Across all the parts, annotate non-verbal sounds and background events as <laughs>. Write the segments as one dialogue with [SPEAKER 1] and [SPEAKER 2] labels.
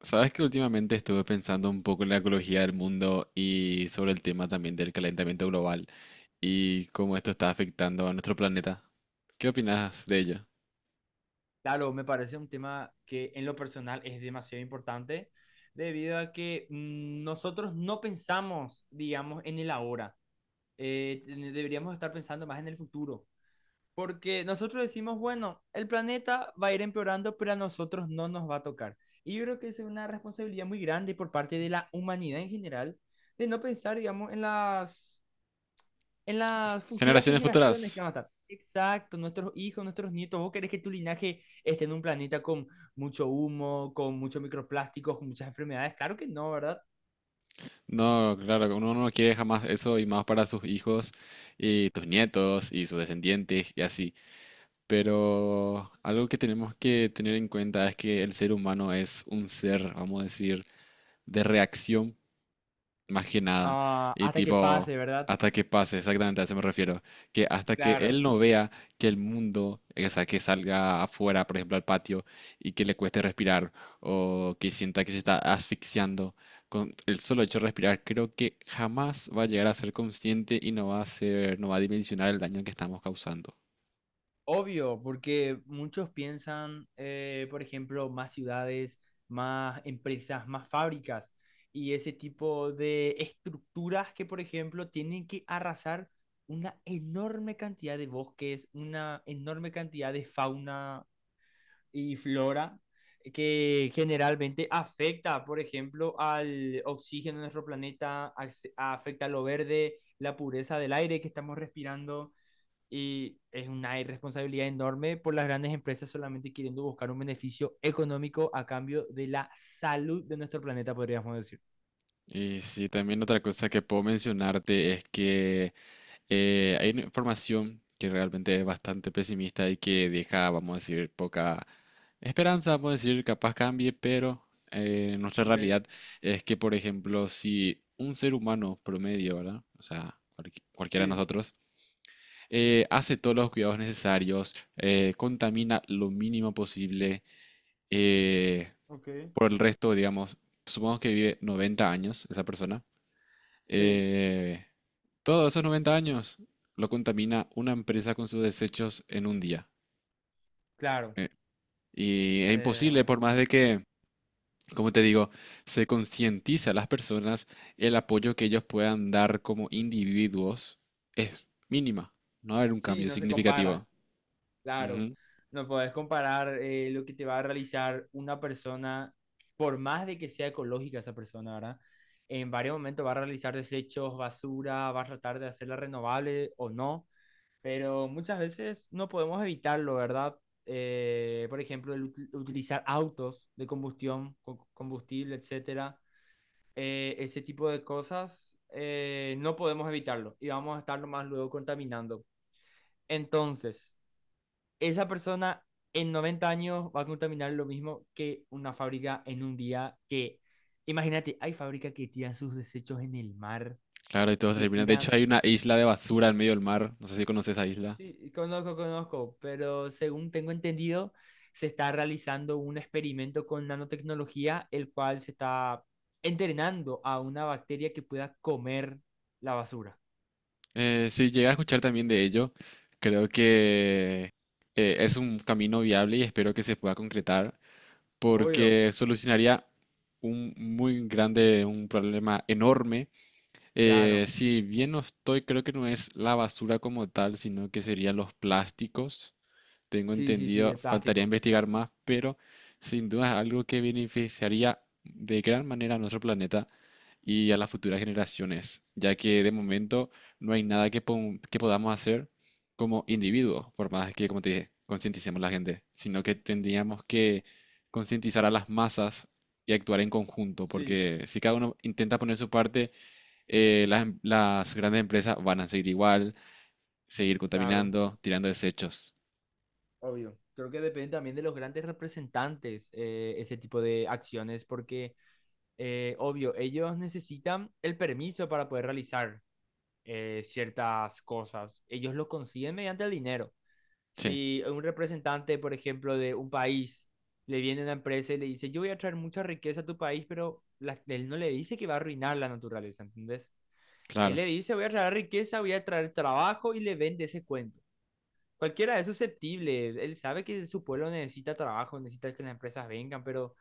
[SPEAKER 1] Sabes que últimamente estuve pensando un poco en la ecología del mundo y sobre el tema también del calentamiento global y cómo esto está afectando a nuestro planeta. ¿Qué opinas de ello?
[SPEAKER 2] Claro, me parece un tema que en lo personal es demasiado importante debido a que nosotros no pensamos, digamos, en el ahora. Deberíamos estar pensando más en el futuro. Porque nosotros decimos, bueno, el planeta va a ir empeorando, pero a nosotros no nos va a tocar. Y yo creo que esa es una responsabilidad muy grande por parte de la humanidad en general de no pensar, digamos, en las futuras
[SPEAKER 1] Generaciones
[SPEAKER 2] generaciones que
[SPEAKER 1] futuras.
[SPEAKER 2] van a estar. Exacto, nuestros hijos, nuestros nietos. ¿Vos querés que tu linaje esté en un planeta con mucho humo, con muchos microplásticos, con muchas enfermedades? Claro que no, ¿verdad?
[SPEAKER 1] No, claro, uno no quiere jamás eso y más para sus hijos y tus nietos y sus descendientes y así. Pero algo que tenemos que tener en cuenta es que el ser humano es un ser, vamos a decir, de reacción más que nada.
[SPEAKER 2] Ah,
[SPEAKER 1] Y
[SPEAKER 2] hasta que
[SPEAKER 1] tipo,
[SPEAKER 2] pase, ¿verdad?
[SPEAKER 1] hasta que pase, exactamente a eso me refiero. Que hasta que
[SPEAKER 2] Claro.
[SPEAKER 1] él no vea que el mundo, o sea, que salga afuera, por ejemplo, al patio, y que le cueste respirar, o que sienta que se está asfixiando, con el solo hecho de respirar, creo que jamás va a llegar a ser consciente y no va a ser, no va a dimensionar el daño que estamos causando.
[SPEAKER 2] Obvio, porque muchos piensan, por ejemplo, más ciudades, más empresas, más fábricas y ese tipo de estructuras que, por ejemplo, tienen que arrasar una enorme cantidad de bosques, una enorme cantidad de fauna y flora que generalmente afecta, por ejemplo, al oxígeno de nuestro planeta, afecta a lo verde, la pureza del aire que estamos respirando y es una irresponsabilidad enorme por las grandes empresas solamente queriendo buscar un beneficio económico a cambio de la salud de nuestro planeta, podríamos decir.
[SPEAKER 1] Y sí, también otra cosa que puedo mencionarte es que hay una información que realmente es bastante pesimista y que deja, vamos a decir, poca esperanza, vamos a decir, capaz cambie, pero nuestra
[SPEAKER 2] Ok.
[SPEAKER 1] realidad es que, por ejemplo, si un ser humano promedio, ¿verdad? O sea, cualquiera de
[SPEAKER 2] Sí.
[SPEAKER 1] nosotros, hace todos los cuidados necesarios, contamina lo mínimo posible, eh,
[SPEAKER 2] Ok.
[SPEAKER 1] por el resto, digamos, supongamos que vive 90 años esa persona.
[SPEAKER 2] Sí.
[SPEAKER 1] eh, Todos esos 90 años lo contamina una empresa con sus desechos en un día.
[SPEAKER 2] Claro.
[SPEAKER 1] Eh, Y es imposible,
[SPEAKER 2] Eh,
[SPEAKER 1] por más de que, como te digo, se concientice a las personas, el apoyo que ellos puedan dar como individuos es mínima. No va a haber un
[SPEAKER 2] sí,
[SPEAKER 1] cambio
[SPEAKER 2] no se compara,
[SPEAKER 1] significativo.
[SPEAKER 2] claro.
[SPEAKER 1] Ujú.
[SPEAKER 2] No podés comparar lo que te va a realizar una persona, por más de que sea ecológica esa persona, ¿verdad? En varios momentos va a realizar desechos, basura, va a tratar de hacerla renovable o no, pero muchas veces no podemos evitarlo, ¿verdad? Por ejemplo, el utilizar autos de combustión, combustible, etcétera. Ese tipo de cosas, no podemos evitarlo y vamos a estarlo más luego contaminando. Entonces, esa persona en 90 años va a contaminar lo mismo que una fábrica en un día que, imagínate, hay fábricas que tiran sus desechos en el mar,
[SPEAKER 1] Claro, y todo se
[SPEAKER 2] que
[SPEAKER 1] termina. De
[SPEAKER 2] tiran
[SPEAKER 1] hecho, hay una isla de basura en medio del mar. No sé si conoces esa isla.
[SPEAKER 2] sí, conozco, conozco, pero según tengo entendido, se está realizando un experimento con nanotecnología, el cual se está entrenando a una bacteria que pueda comer la basura.
[SPEAKER 1] Si llegué a escuchar también de ello, creo que es un camino viable y espero que se pueda concretar
[SPEAKER 2] Obvio.
[SPEAKER 1] porque solucionaría un muy grande, un problema enorme.
[SPEAKER 2] Claro,
[SPEAKER 1] Si bien no estoy, creo que no es la basura como tal, sino que serían los plásticos. Tengo
[SPEAKER 2] sí, sí, sí,
[SPEAKER 1] entendido,
[SPEAKER 2] el
[SPEAKER 1] faltaría
[SPEAKER 2] plástico.
[SPEAKER 1] investigar más, pero sin duda es algo que beneficiaría de gran manera a nuestro planeta y a las futuras generaciones, ya que de momento no hay nada que, que podamos hacer como individuos, por más que, como te dije, concienticemos a la gente, sino que tendríamos que concientizar a las masas y actuar en conjunto,
[SPEAKER 2] Sí,
[SPEAKER 1] porque si cada uno intenta poner su parte, las, las grandes empresas van a seguir igual, seguir
[SPEAKER 2] claro,
[SPEAKER 1] contaminando, tirando desechos.
[SPEAKER 2] obvio. Creo que depende también de los grandes representantes ese tipo de acciones, porque, obvio, ellos necesitan el permiso para poder realizar ciertas cosas. Ellos lo consiguen mediante el dinero.
[SPEAKER 1] Sí,
[SPEAKER 2] Si un representante, por ejemplo, de un país le viene a una empresa y le dice, yo voy a traer mucha riqueza a tu país, pero él no le dice que va a arruinar la naturaleza, ¿entendés? Él
[SPEAKER 1] claro.
[SPEAKER 2] le dice, voy a traer riqueza, voy a traer trabajo y le vende ese cuento. Cualquiera es susceptible, él sabe que su pueblo necesita trabajo, necesita que las empresas vengan, pero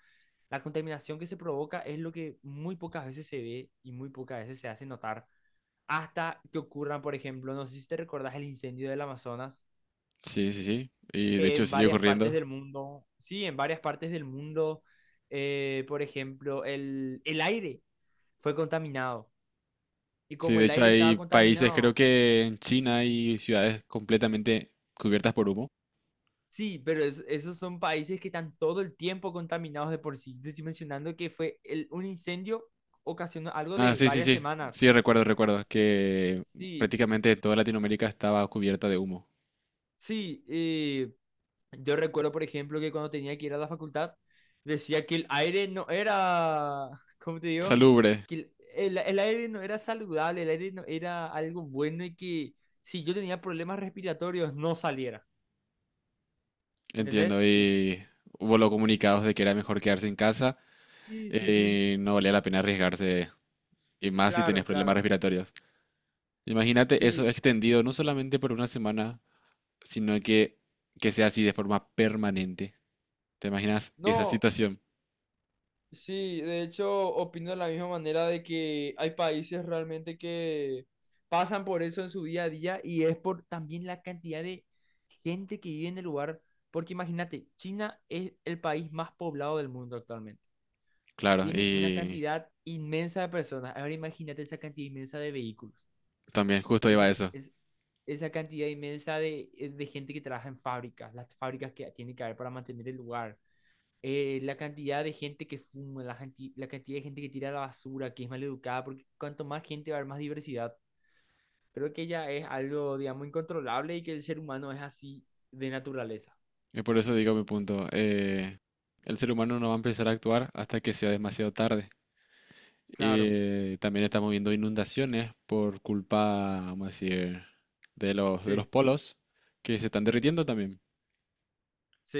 [SPEAKER 2] la contaminación que se provoca es lo que muy pocas veces se ve y muy pocas veces se hace notar, hasta que ocurran, por ejemplo, no sé si te recordás el incendio del Amazonas,
[SPEAKER 1] Sí, sí, sí. Y de hecho
[SPEAKER 2] en
[SPEAKER 1] sigue
[SPEAKER 2] varias partes
[SPEAKER 1] ocurriendo.
[SPEAKER 2] del mundo. Sí, en varias partes del mundo, por ejemplo, el aire fue contaminado. Y
[SPEAKER 1] Sí,
[SPEAKER 2] como
[SPEAKER 1] de
[SPEAKER 2] el
[SPEAKER 1] hecho
[SPEAKER 2] aire estaba
[SPEAKER 1] hay países, creo
[SPEAKER 2] contaminado,
[SPEAKER 1] que en China hay ciudades completamente cubiertas por humo.
[SPEAKER 2] sí, pero esos son países que están todo el tiempo contaminados de por sí. Te estoy mencionando que fue un incendio, ocasionó algo
[SPEAKER 1] Ah,
[SPEAKER 2] de
[SPEAKER 1] sí, sí,
[SPEAKER 2] varias
[SPEAKER 1] sí.
[SPEAKER 2] semanas.
[SPEAKER 1] Sí, recuerdo, recuerdo que
[SPEAKER 2] Sí,
[SPEAKER 1] prácticamente toda Latinoamérica estaba cubierta de humo.
[SPEAKER 2] sí, yo recuerdo, por ejemplo, que cuando tenía que ir a la facultad, decía que el aire no era, <laughs> ¿cómo te digo?
[SPEAKER 1] Salubre,
[SPEAKER 2] Que el aire no era saludable, el aire no era algo bueno y que si yo tenía problemas respiratorios no saliera.
[SPEAKER 1] entiendo.
[SPEAKER 2] ¿Entendés? Y-
[SPEAKER 1] Y hubo los comunicados de que era mejor quedarse en casa
[SPEAKER 2] sí, sí, sí.
[SPEAKER 1] y no valía la pena arriesgarse. Y más si tenés
[SPEAKER 2] Claro,
[SPEAKER 1] problemas
[SPEAKER 2] claro.
[SPEAKER 1] respiratorios. Imagínate eso
[SPEAKER 2] Sí.
[SPEAKER 1] extendido no solamente por una semana, sino que sea así de forma permanente. ¿Te imaginas esa
[SPEAKER 2] No.
[SPEAKER 1] situación?
[SPEAKER 2] Sí, de hecho, opino de la misma manera de que hay países realmente que pasan por eso en su día a día y es por también la cantidad de gente que vive en el lugar. Porque imagínate, China es el país más poblado del mundo actualmente.
[SPEAKER 1] Claro,
[SPEAKER 2] Tiene una
[SPEAKER 1] y
[SPEAKER 2] cantidad inmensa de personas. Ahora imagínate esa cantidad inmensa de vehículos,
[SPEAKER 1] también justo iba
[SPEAKER 2] esa,
[SPEAKER 1] a eso.
[SPEAKER 2] es, esa cantidad inmensa de gente que trabaja en fábricas, las fábricas que tiene que haber para mantener el lugar, la cantidad de gente que fuma, la cantidad de gente que tira la basura, que es maleducada, porque cuanto más gente va a haber, más diversidad. Creo que ya es algo, digamos, incontrolable y que el ser humano es así de naturaleza.
[SPEAKER 1] Y por eso digo mi punto. El ser humano no va a empezar a actuar hasta que sea demasiado tarde.
[SPEAKER 2] Claro,
[SPEAKER 1] También estamos viendo inundaciones por culpa, vamos a decir, de los
[SPEAKER 2] sí,
[SPEAKER 1] polos que se están derritiendo también.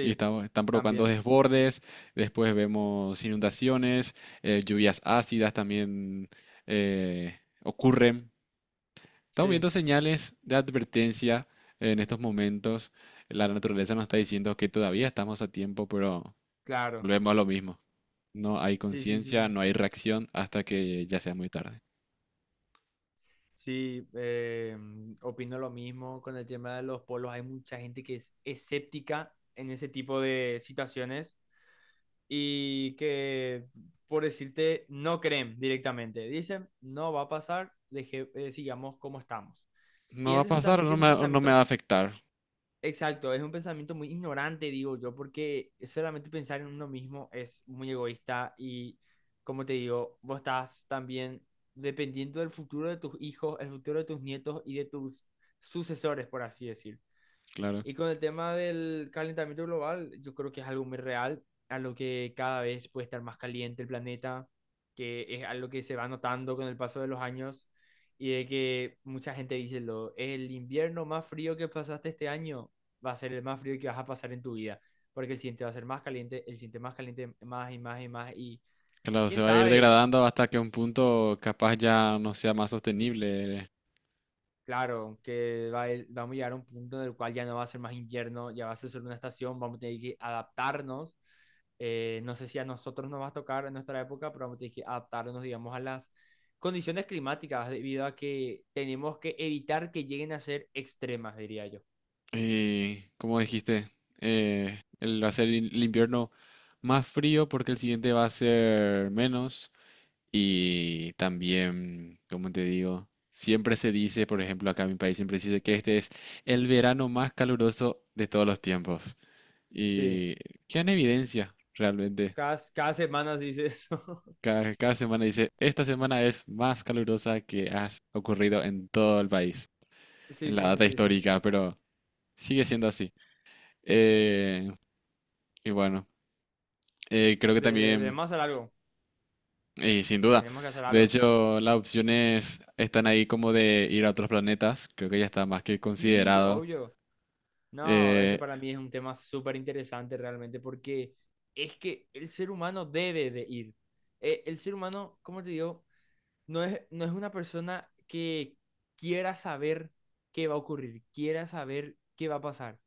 [SPEAKER 1] Y estamos, están provocando
[SPEAKER 2] también,
[SPEAKER 1] desbordes, después vemos inundaciones, lluvias ácidas también eh, ocurren. Estamos
[SPEAKER 2] sí,
[SPEAKER 1] viendo señales de advertencia en estos momentos. La naturaleza nos está diciendo que todavía estamos a tiempo, pero
[SPEAKER 2] claro,
[SPEAKER 1] volvemos a lo mismo. No hay
[SPEAKER 2] sí, sí, sí,
[SPEAKER 1] conciencia,
[SPEAKER 2] sí.
[SPEAKER 1] no hay reacción hasta que ya sea muy tarde.
[SPEAKER 2] Sí, opino lo mismo con el tema de los polos. Hay mucha gente que es escéptica en ese tipo de situaciones. Y que, por decirte, no creen directamente. Dicen, no va a pasar, deje, sigamos como estamos. Y
[SPEAKER 1] No va a
[SPEAKER 2] ese
[SPEAKER 1] pasar
[SPEAKER 2] justamente es un
[SPEAKER 1] o no me va
[SPEAKER 2] pensamiento,
[SPEAKER 1] a afectar.
[SPEAKER 2] exacto, es un pensamiento muy ignorante, digo yo, porque solamente pensar en uno mismo es muy egoísta y, como te digo, vos estás también dependiendo del futuro de tus hijos, el futuro de tus nietos y de tus sucesores, por así decir.
[SPEAKER 1] Claro,
[SPEAKER 2] Y con el tema del calentamiento global, yo creo que es algo muy real, a lo que cada vez puede estar más caliente el planeta, que es algo que se va notando con el paso de los años y de que mucha gente dice, el invierno más frío que pasaste este año va a ser el más frío que vas a pasar en tu vida, porque el siguiente va a ser más caliente, el siguiente más caliente, más y más y más, y
[SPEAKER 1] claro,
[SPEAKER 2] quién
[SPEAKER 1] se va a ir
[SPEAKER 2] sabe,
[SPEAKER 1] degradando hasta que un punto capaz ya no sea más sostenible.
[SPEAKER 2] claro, que vamos a llegar a un punto en el cual ya no va a ser más invierno, ya va a ser solo una estación, vamos a tener que adaptarnos. No sé si a nosotros nos va a tocar en nuestra época, pero vamos a tener que adaptarnos, digamos, a las condiciones climáticas debido a que tenemos que evitar que lleguen a ser extremas, diría yo.
[SPEAKER 1] Como dijiste, va a ser el invierno más frío porque el siguiente va a ser menos. Y también, como te digo, siempre se dice, por ejemplo, acá en mi país siempre se dice que este es el verano más caluroso de todos los tiempos.
[SPEAKER 2] Sí,
[SPEAKER 1] Y queda en evidencia, realmente.
[SPEAKER 2] cada, cada semana se dice eso. <laughs>
[SPEAKER 1] Cada, cada semana dice, esta semana es más calurosa que ha ocurrido en todo el país,
[SPEAKER 2] Sí,
[SPEAKER 1] en la
[SPEAKER 2] sí, sí,
[SPEAKER 1] data
[SPEAKER 2] sí, sí.
[SPEAKER 1] histórica, pero sigue siendo así. Eh, y bueno. Creo que
[SPEAKER 2] De, de
[SPEAKER 1] también,
[SPEAKER 2] más hacer algo,
[SPEAKER 1] y sin duda.
[SPEAKER 2] tenemos que hacer
[SPEAKER 1] De
[SPEAKER 2] algo.
[SPEAKER 1] hecho, las opciones están ahí como de ir a otros planetas. Creo que ya está más que
[SPEAKER 2] Sí,
[SPEAKER 1] considerado.
[SPEAKER 2] obvio. No, ese
[SPEAKER 1] Eh,
[SPEAKER 2] para mí es un tema súper interesante realmente porque es que el ser humano debe de ir. El ser humano, como te digo, no es una persona que quiera saber qué va a ocurrir, quiera saber qué va a pasar.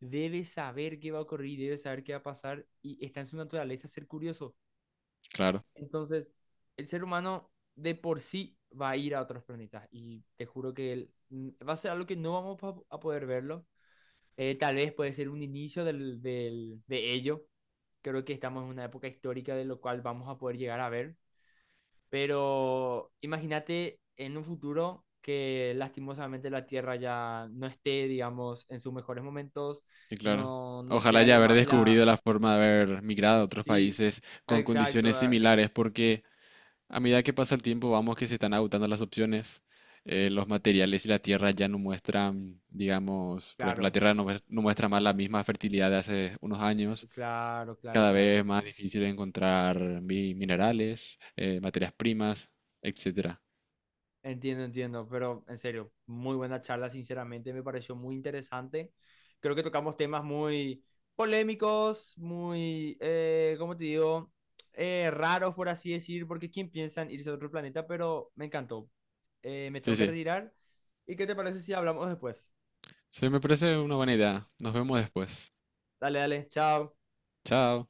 [SPEAKER 2] Debe saber qué va a ocurrir, debe saber qué va a pasar y está en su naturaleza ser curioso.
[SPEAKER 1] claro,
[SPEAKER 2] Entonces, el ser humano de por sí va a ir a otros planetas y te juro que él, va a ser algo que no vamos a poder verlo, tal vez puede ser un inicio de ello. Creo que estamos en una época histórica de lo cual vamos a poder llegar a ver. Pero imagínate en un futuro que lastimosamente la Tierra ya no esté, digamos, en sus mejores momentos,
[SPEAKER 1] y claro.
[SPEAKER 2] no, no
[SPEAKER 1] Ojalá
[SPEAKER 2] sea
[SPEAKER 1] ya
[SPEAKER 2] lo
[SPEAKER 1] haber
[SPEAKER 2] más... La...
[SPEAKER 1] descubrido la forma de haber migrado a otros
[SPEAKER 2] Sí,
[SPEAKER 1] países con
[SPEAKER 2] exacto,
[SPEAKER 1] condiciones
[SPEAKER 2] ah,
[SPEAKER 1] similares, porque a medida que pasa el tiempo vamos que se están agotando las opciones. Los materiales y la tierra ya no muestran, digamos, por ejemplo, la
[SPEAKER 2] claro,
[SPEAKER 1] tierra no, no muestra más la misma fertilidad de hace unos años.
[SPEAKER 2] claro, claro,
[SPEAKER 1] Cada
[SPEAKER 2] claro.
[SPEAKER 1] vez más difícil encontrar minerales, materias primas, etcétera.
[SPEAKER 2] Entiendo, entiendo, pero en serio, muy buena charla, sinceramente me pareció muy interesante. Creo que tocamos temas muy polémicos, muy, ¿cómo te digo? Raros, por así decir, porque ¿quién piensa en irse a otro planeta? Pero me encantó. Me
[SPEAKER 1] Sí,
[SPEAKER 2] tengo que
[SPEAKER 1] sí.
[SPEAKER 2] retirar. ¿Y qué te parece si hablamos después?
[SPEAKER 1] Sí, me parece una buena idea. Nos vemos después.
[SPEAKER 2] Dale, dale, chao.
[SPEAKER 1] Chao.